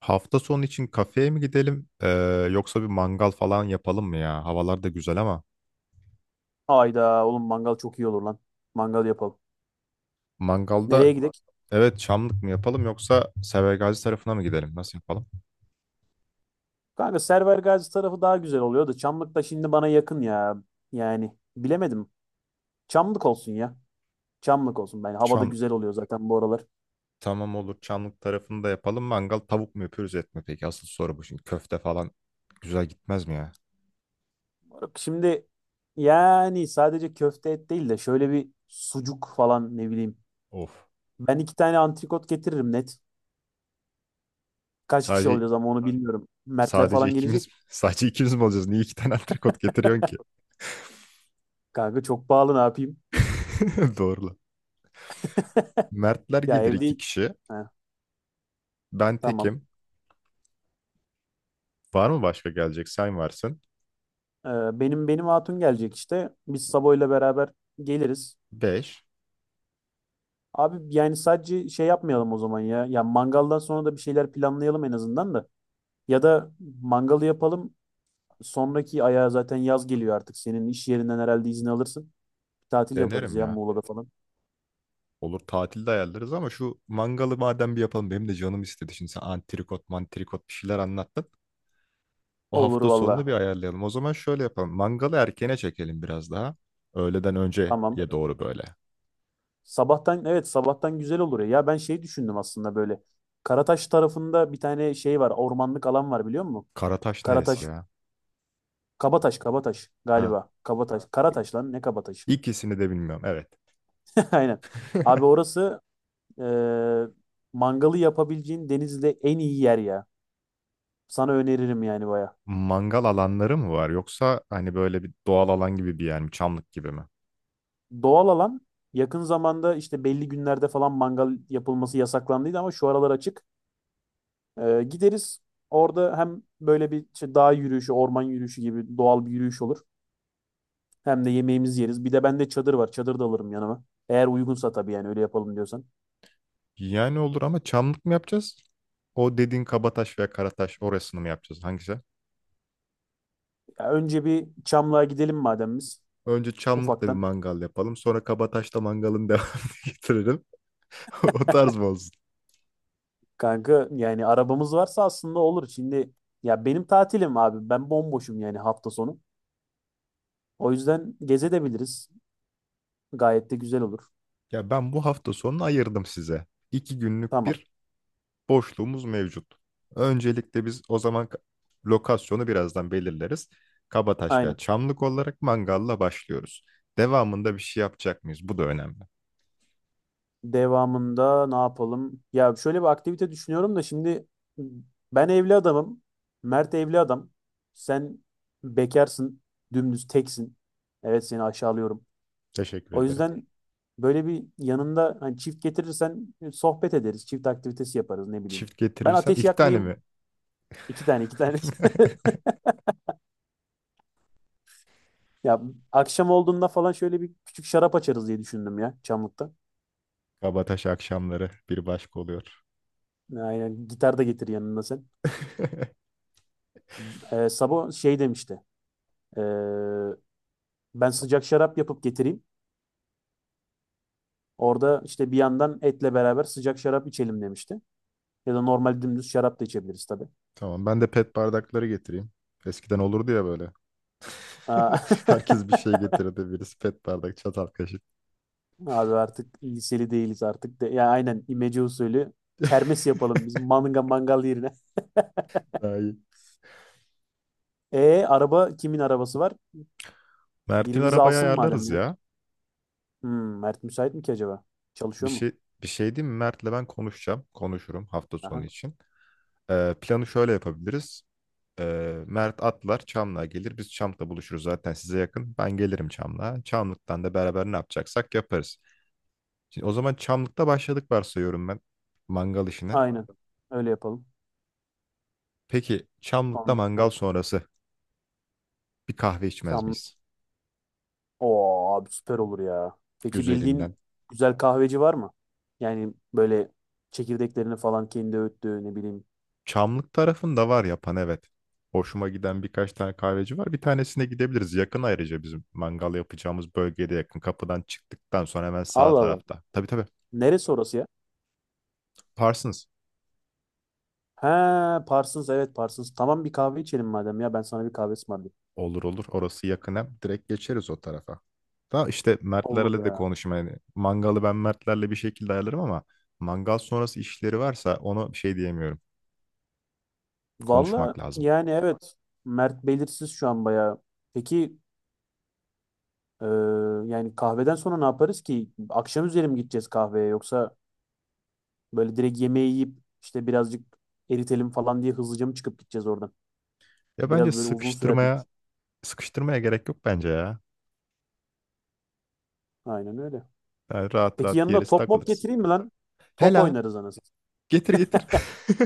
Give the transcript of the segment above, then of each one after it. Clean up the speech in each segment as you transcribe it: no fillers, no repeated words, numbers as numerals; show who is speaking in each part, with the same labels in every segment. Speaker 1: Hafta sonu için kafeye mi gidelim yoksa bir mangal falan yapalım mı ya? Havalar da güzel ama
Speaker 2: Hayda oğlum mangal çok iyi olur lan. Mangal yapalım.
Speaker 1: mangalda
Speaker 2: Nereye gidek?
Speaker 1: evet, Çamlık mı yapalım yoksa Severgazi tarafına mı gidelim? Nasıl yapalım?
Speaker 2: Kanka Server Gazi tarafı daha güzel oluyor da Çamlık da şimdi bana yakın ya. Yani bilemedim. Çamlık olsun ya. Çamlık olsun. Ben havada
Speaker 1: Çam
Speaker 2: güzel oluyor zaten bu aralar.
Speaker 1: tamam, olur, Çamlık tarafını da yapalım. Mangal tavuk mu yapıyoruz, et mi peki? Asıl soru bu şimdi. Köfte falan güzel gitmez mi ya?
Speaker 2: Bak, şimdi yani sadece köfte et değil de şöyle bir sucuk falan ne bileyim.
Speaker 1: Of.
Speaker 2: Ben iki tane antrikot getiririm net. Kaç kişi
Speaker 1: Sadece
Speaker 2: olacağız ama onu bilmiyorum. Mertler
Speaker 1: sadece
Speaker 2: falan gelecek.
Speaker 1: ikimiz, sadece ikimiz mi olacağız? Niye iki tane antrikot getiriyorsun ki?
Speaker 2: Kanka çok pahalı ne yapayım?
Speaker 1: Doğru lan. Mertler
Speaker 2: Ya
Speaker 1: gelir, iki
Speaker 2: evde...
Speaker 1: kişi.
Speaker 2: Heh,
Speaker 1: Ben
Speaker 2: tamam.
Speaker 1: tekim. Var mı başka gelecek? Sen varsın.
Speaker 2: Benim hatun gelecek işte. Biz Sabo ile beraber geliriz.
Speaker 1: Beş.
Speaker 2: Abi yani sadece şey yapmayalım o zaman ya. Ya mangaldan sonra da bir şeyler planlayalım en azından da. Ya da mangalı yapalım. Sonraki aya zaten yaz geliyor artık. Senin iş yerinden herhalde izin alırsın. Tatil yaparız
Speaker 1: Denerim
Speaker 2: ya
Speaker 1: ya.
Speaker 2: Muğla'da falan.
Speaker 1: Olur, tatilde ayarlarız ama şu mangalı madem bir yapalım. Benim de canım istedi. Şimdi sen antrikot mantrikot bir şeyler anlattın. O
Speaker 2: Olur
Speaker 1: hafta
Speaker 2: valla.
Speaker 1: sonunu bir ayarlayalım. O zaman şöyle yapalım: mangalı erkene çekelim biraz daha. Öğleden önceye
Speaker 2: Tamam.
Speaker 1: doğru böyle.
Speaker 2: Sabahtan, evet, sabahtan güzel olur ya. Ya ben şey düşündüm aslında böyle. Karataş tarafında bir tane şey var. Ormanlık alan var biliyor musun?
Speaker 1: Karataş neresi
Speaker 2: Karataş,
Speaker 1: ya?
Speaker 2: Kabataş, Kabataş
Speaker 1: Ha.
Speaker 2: galiba. Kabataş, Karataş lan ne Kabataş?
Speaker 1: İkisini de bilmiyorum. Evet.
Speaker 2: Aynen. Abi orası e, mangalı yapabileceğin Denizli'de en iyi yer ya. Sana öneririm yani baya.
Speaker 1: Mangal alanları mı var yoksa hani böyle bir doğal alan gibi bir yer mi? Çamlık gibi mi?
Speaker 2: Doğal alan yakın zamanda işte belli günlerde falan mangal yapılması yasaklandıydı ama şu aralar açık. Gideriz orada hem böyle bir işte dağ yürüyüşü, orman yürüyüşü gibi doğal bir yürüyüş olur. Hem de yemeğimizi yeriz. Bir de bende çadır var. Çadır da alırım yanıma. Eğer uygunsa tabii yani öyle yapalım diyorsan.
Speaker 1: Yani olur ama çamlık mı yapacağız? O dediğin Kabataş veya Karataş, orasını mı yapacağız? Hangisi?
Speaker 2: Ya önce bir Çamlığa gidelim madem biz.
Speaker 1: Önce Çamlık'ta bir
Speaker 2: Ufaktan
Speaker 1: mangal yapalım. Sonra Kabataş'ta mangalın devamını getiririm. O tarz mı olsun?
Speaker 2: kanka yani arabamız varsa aslında olur. Şimdi ya benim tatilim abi. Ben bomboşum yani hafta sonu. O yüzden gezebiliriz. Gayet de güzel olur.
Speaker 1: Ya ben bu hafta sonunu ayırdım size. İki günlük
Speaker 2: Tamam.
Speaker 1: bir boşluğumuz mevcut. Öncelikle biz o zaman lokasyonu birazdan belirleriz. Kabataş veya
Speaker 2: Aynen.
Speaker 1: Çamlık olarak mangalla başlıyoruz. Devamında bir şey yapacak mıyız? Bu da önemli.
Speaker 2: Devamında ne yapalım? Ya şöyle bir aktivite düşünüyorum da şimdi ben evli adamım. Mert evli adam. Sen bekarsın. Dümdüz teksin. Evet, seni aşağılıyorum.
Speaker 1: Teşekkür
Speaker 2: O
Speaker 1: ederim.
Speaker 2: yüzden böyle bir yanında hani çift getirirsen sohbet ederiz. Çift aktivitesi yaparız ne bileyim.
Speaker 1: Çift
Speaker 2: Ben
Speaker 1: getirirsem
Speaker 2: ateş
Speaker 1: iki tane
Speaker 2: yakmayı.
Speaker 1: mi?
Speaker 2: İki tane, iki tane. Ya akşam olduğunda falan şöyle bir küçük şarap açarız diye düşündüm ya Çamlık'ta.
Speaker 1: Kabataş akşamları bir başka oluyor.
Speaker 2: Aynen, gitar da getir yanında sen. Sabo şey demişti. Ee, Ben sıcak şarap yapıp getireyim. Orada işte bir yandan etle beraber sıcak şarap içelim demişti. Ya da normal dümdüz şarap da içebiliriz tabii.
Speaker 1: Tamam, ben de pet bardakları getireyim. Eskiden olurdu ya böyle.
Speaker 2: Aa,
Speaker 1: Herkes bir şey getirirdi. Birisi pet bardak, çatal kaşık.
Speaker 2: abi artık liseli değiliz artık. De, ya aynen imece usulü kermes yapalım biz mangal yerine.
Speaker 1: Daha iyi.
Speaker 2: Araba kimin arabası var?
Speaker 1: Mert'in
Speaker 2: Biri bizi
Speaker 1: arabayı
Speaker 2: alsın madem
Speaker 1: ayarlarız
Speaker 2: ya.
Speaker 1: ya.
Speaker 2: Hmm, Mert müsait mi ki acaba?
Speaker 1: Bir
Speaker 2: Çalışıyor mu?
Speaker 1: şey Bir şey değil mi? Mert'le ben konuşacağım. Konuşurum hafta sonu
Speaker 2: Aha.
Speaker 1: için. Planı şöyle yapabiliriz. Mert atlar, Çamlık'a gelir. Biz Çamlık'ta buluşuruz, zaten size yakın. Ben gelirim Çamlık'a. Çamlık'tan da beraber ne yapacaksak yaparız. Şimdi o zaman Çamlık'ta başladık varsayıyorum ben mangal işine.
Speaker 2: Aynen. Öyle yapalım.
Speaker 1: Peki Çamlık'ta
Speaker 2: Tamam. Ha,
Speaker 1: mangal sonrası bir kahve içmez
Speaker 2: Şam.
Speaker 1: miyiz?
Speaker 2: Oo abi süper olur ya. Peki
Speaker 1: Güzelinden.
Speaker 2: bildiğin güzel kahveci var mı? Yani böyle çekirdeklerini falan kendi öğüttüğü ne bileyim.
Speaker 1: Çamlık tarafında var yapan, evet. Hoşuma giden birkaç tane kahveci var. Bir tanesine gidebiliriz. Yakın, ayrıca bizim mangal yapacağımız bölgede yakın. Kapıdan çıktıktan sonra hemen sağ
Speaker 2: Allah Allah.
Speaker 1: tarafta. Tabii tabii.
Speaker 2: Neresi orası ya?
Speaker 1: Parsons.
Speaker 2: Ha, Parsons, evet, Parsons. Tamam bir kahve içelim madem ya, ben sana bir kahve ısmarlayayım.
Speaker 1: Olur olur. Orası yakın hem. Direkt geçeriz o tarafa. Da işte
Speaker 2: Olur
Speaker 1: Mertlerle de
Speaker 2: ya.
Speaker 1: konuşayım. Yani mangalı ben Mertlerle bir şekilde ayarlarım ama mangal sonrası işleri varsa onu bir şey diyemiyorum.
Speaker 2: Valla
Speaker 1: Konuşmak lazım.
Speaker 2: yani evet. Mert belirsiz şu an bayağı. Peki Ee, yani kahveden sonra ne yaparız ki? Akşam üzeri mi gideceğiz kahveye yoksa böyle direkt yemeği yiyip işte birazcık eritelim falan diye hızlıca mı çıkıp gideceğiz oradan?
Speaker 1: Ya bence
Speaker 2: Biraz böyle uzun sürer diye
Speaker 1: sıkıştırmaya
Speaker 2: düşünüyorum.
Speaker 1: Sıkıştırmaya gerek yok bence ya.
Speaker 2: Aynen öyle.
Speaker 1: Yani rahat
Speaker 2: Peki
Speaker 1: rahat
Speaker 2: yanında
Speaker 1: yeriz,
Speaker 2: top mop
Speaker 1: takılırız.
Speaker 2: getireyim mi lan? Top
Speaker 1: Hela,
Speaker 2: oynarız anasını.
Speaker 1: getir getir.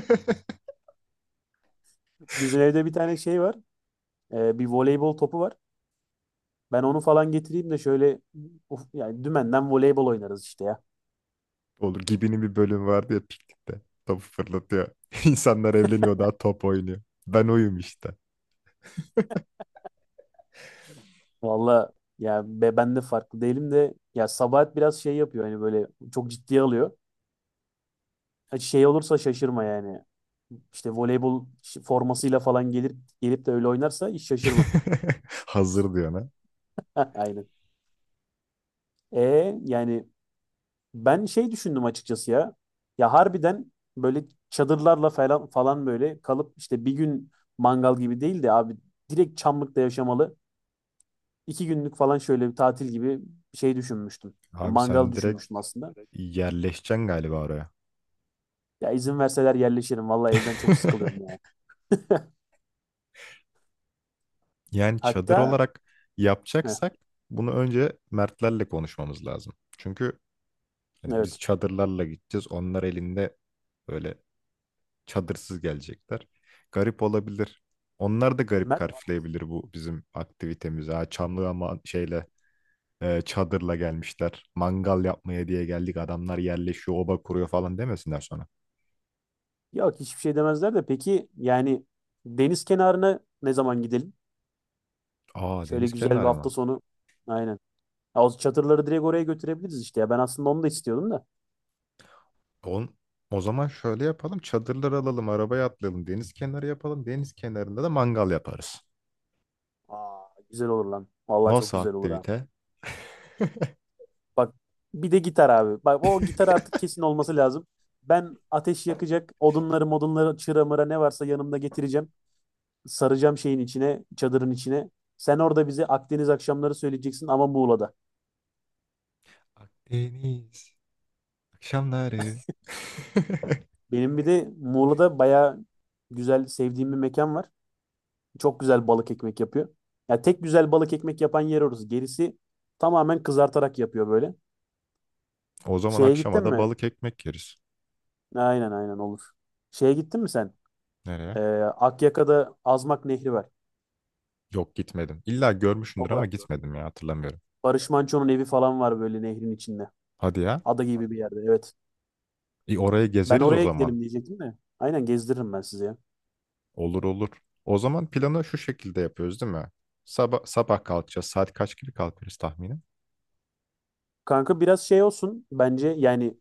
Speaker 2: Satayım. Bizim evde bir tane şey var. Bir voleybol topu var. Ben onu falan getireyim de şöyle uf, yani dümenden voleybol oynarız işte ya.
Speaker 1: Olur. Gibi'nin bir bölüm vardı ya piknikte. Topu fırlatıyor. İnsanlar evleniyor, daha top oynuyor. Ben oyum işte.
Speaker 2: Valla ya be, ben de farklı değilim de ya Sabahat biraz şey yapıyor hani böyle çok ciddiye alıyor. Ha, şey olursa şaşırma yani. İşte voleybol formasıyla falan gelip de öyle oynarsa hiç şaşırma.
Speaker 1: Hazır diyor.
Speaker 2: Heh, aynen. E yani ben şey düşündüm açıkçası ya. Ya harbiden böyle çadırlarla falan böyle kalıp işte bir gün mangal gibi değil de abi direkt Çamlık'ta yaşamalı. İki günlük falan şöyle bir tatil gibi bir şey düşünmüştüm. Ya
Speaker 1: Abi sen
Speaker 2: mangal
Speaker 1: direkt
Speaker 2: düşünmüştüm aslında.
Speaker 1: yerleşeceksin galiba oraya.
Speaker 2: Ya izin verseler yerleşirim. Vallahi evden çok sıkılıyorum ya.
Speaker 1: Yani çadır
Speaker 2: Hatta
Speaker 1: olarak
Speaker 2: heh,
Speaker 1: yapacaksak bunu önce Mertlerle konuşmamız lazım. Çünkü hani biz
Speaker 2: evet.
Speaker 1: çadırlarla gideceğiz. Onlar elinde böyle çadırsız gelecekler. Garip olabilir. Onlar da garip
Speaker 2: Mert,
Speaker 1: karşılayabilir bu bizim aktivitemizi. Ha, çamlı ama şeyle, çadırla gelmişler. Mangal yapmaya diye geldik. Adamlar yerleşiyor, oba kuruyor falan demesinler sonra.
Speaker 2: yok hiçbir şey demezler de peki yani deniz kenarına ne zaman gidelim?
Speaker 1: Aa,
Speaker 2: Şöyle
Speaker 1: deniz
Speaker 2: güzel bir
Speaker 1: kenarı
Speaker 2: hafta
Speaker 1: mı?
Speaker 2: sonu. Aynen. Ya, o çadırları direkt oraya götürebiliriz işte ya. Ben aslında onu da istiyordum da.
Speaker 1: On, O zaman şöyle yapalım: çadırlar alalım, arabaya atlayalım. Deniz kenarı yapalım. Deniz kenarında da mangal yaparız.
Speaker 2: Aa, güzel olur lan. Vallahi çok
Speaker 1: Nasıl
Speaker 2: güzel olur ha.
Speaker 1: aktivite?
Speaker 2: Bak, bir de gitar abi. Bak o gitar artık kesin olması lazım. Ben ateş yakacak odunları modunları çıra mıra ne varsa yanımda getireceğim. Saracağım şeyin içine, çadırın içine. Sen orada bize Akdeniz akşamları söyleyeceksin ama Muğla'da.
Speaker 1: Akdeniz akşamları.
Speaker 2: Benim bir de Muğla'da bayağı güzel sevdiğim bir mekan var. Çok güzel balık ekmek yapıyor. Ya tek güzel balık ekmek yapan yer orası. Gerisi tamamen kızartarak yapıyor böyle.
Speaker 1: O zaman
Speaker 2: Şeye gittin
Speaker 1: akşama da
Speaker 2: mi?
Speaker 1: balık ekmek yeriz.
Speaker 2: Aynen, aynen olur. Şeye gittin mi sen?
Speaker 1: Nereye?
Speaker 2: Akyaka'da Azmak Nehri var.
Speaker 1: Yok, gitmedim. İlla
Speaker 2: O
Speaker 1: görmüşsündür ama
Speaker 2: Ba-
Speaker 1: gitmedim ya, hatırlamıyorum.
Speaker 2: Barış Manço'nun evi falan var böyle nehrin içinde.
Speaker 1: Hadi ya.
Speaker 2: Ada gibi bir yerde, evet.
Speaker 1: E, orayı
Speaker 2: Ben
Speaker 1: gezeriz o
Speaker 2: oraya
Speaker 1: zaman.
Speaker 2: gidelim diyecektim de. Aynen gezdiririm ben sizi ya.
Speaker 1: Olur olur. O zaman planı şu şekilde yapıyoruz değil mi? Sabah, sabah kalkacağız. Saat kaç gibi kalkarız tahminen?
Speaker 2: Kanka biraz şey olsun bence yani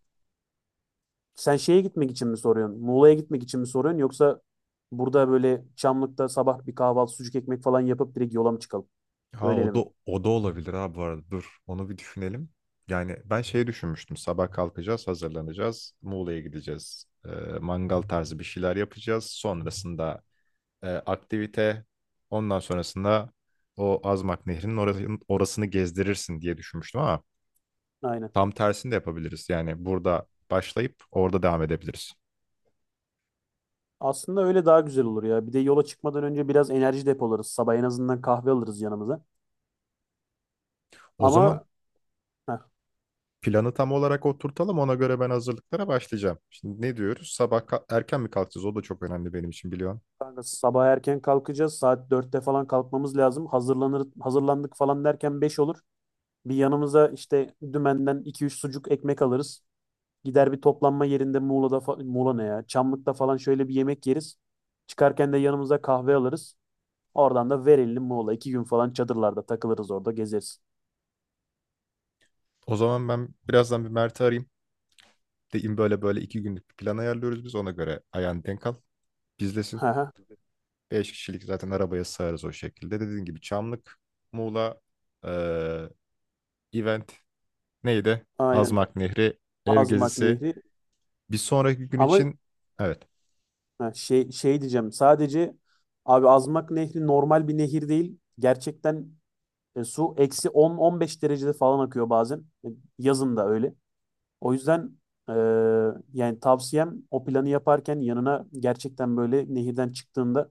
Speaker 2: sen şeye gitmek için mi soruyorsun? Muğla'ya gitmek için mi soruyorsun yoksa burada böyle Çamlık'ta sabah bir kahvaltı sucuk ekmek falan yapıp direkt yola mı çıkalım?
Speaker 1: Ha,
Speaker 2: Öyleli
Speaker 1: o da
Speaker 2: mi?
Speaker 1: o da olabilir, ha, bu arada. Dur, onu bir düşünelim. Yani ben şey düşünmüştüm. Sabah kalkacağız, hazırlanacağız. Muğla'ya gideceğiz. Mangal tarzı bir şeyler yapacağız. Sonrasında aktivite. Ondan sonrasında o Azmak Nehri'nin orasını gezdirirsin diye düşünmüştüm ama
Speaker 2: Aynen.
Speaker 1: tam tersini de yapabiliriz. Yani burada başlayıp orada devam edebiliriz.
Speaker 2: Aslında öyle daha güzel olur ya. Bir de yola çıkmadan önce biraz enerji depolarız. Sabah en azından kahve alırız yanımıza.
Speaker 1: O zaman
Speaker 2: Ama heh,
Speaker 1: planı tam olarak oturtalım. Ona göre ben hazırlıklara başlayacağım. Şimdi ne diyoruz? Sabah erken mi kalkacağız? O da çok önemli benim için, biliyorsun.
Speaker 2: kanka sabah erken kalkacağız. Saat dörtte falan kalkmamız lazım. Hazırlanır, hazırlandık falan derken 5 olur. Bir yanımıza işte dümenden iki üç sucuk ekmek alırız. Gider bir toplanma yerinde Muğla'da Muğla ne ya? Çamlık'ta falan şöyle bir yemek yeriz. Çıkarken de yanımıza kahve alırız. Oradan da verelim Muğla. İki gün falan çadırlarda takılırız, orada gezeriz.
Speaker 1: O zaman ben birazdan bir Mert'i arayayım. Deyim böyle böyle, iki günlük bir plan ayarlıyoruz biz. Ona göre ayağını denk al.
Speaker 2: Hı
Speaker 1: Bizlesin.
Speaker 2: hı,
Speaker 1: Beş kişilik zaten arabaya sığarız o şekilde. Dediğin gibi Çamlık, Muğla, eee, event. Neydi?
Speaker 2: aynen.
Speaker 1: Azmak Nehri, ev
Speaker 2: Azmak
Speaker 1: gezisi.
Speaker 2: Nehri.
Speaker 1: Bir sonraki gün
Speaker 2: Ama
Speaker 1: için, evet.
Speaker 2: ha, şey, şey diyeceğim sadece abi Azmak Nehri normal bir nehir değil. Gerçekten su eksi 10-15 derecede falan akıyor bazen. Yazın da öyle. O yüzden e, yani tavsiyem o planı yaparken yanına gerçekten böyle nehirden çıktığında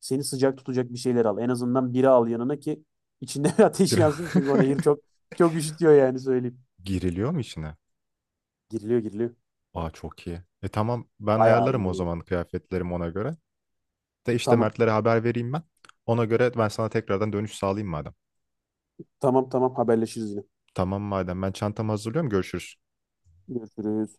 Speaker 2: seni sıcak tutacak bir şeyler al. En azından bira al yanına ki içinde ateş
Speaker 1: Biraz
Speaker 2: yansın çünkü o nehir çok çok üşütüyor yani söyleyeyim.
Speaker 1: giriliyor mu içine?
Speaker 2: Giriliyor, giriliyor.
Speaker 1: Aa, çok iyi. E tamam, ben
Speaker 2: Bayağı iyi
Speaker 1: ayarlarım
Speaker 2: bir
Speaker 1: o
Speaker 2: nehir.
Speaker 1: zaman kıyafetlerimi ona göre. De işte
Speaker 2: Tamam,
Speaker 1: Mertlere haber vereyim ben. Ona göre ben sana tekrardan dönüş sağlayayım madem.
Speaker 2: tamam, tamam, haberleşiriz yine.
Speaker 1: Tamam madem, ben çantamı hazırlıyorum, görüşürüz.
Speaker 2: Görüşürüz.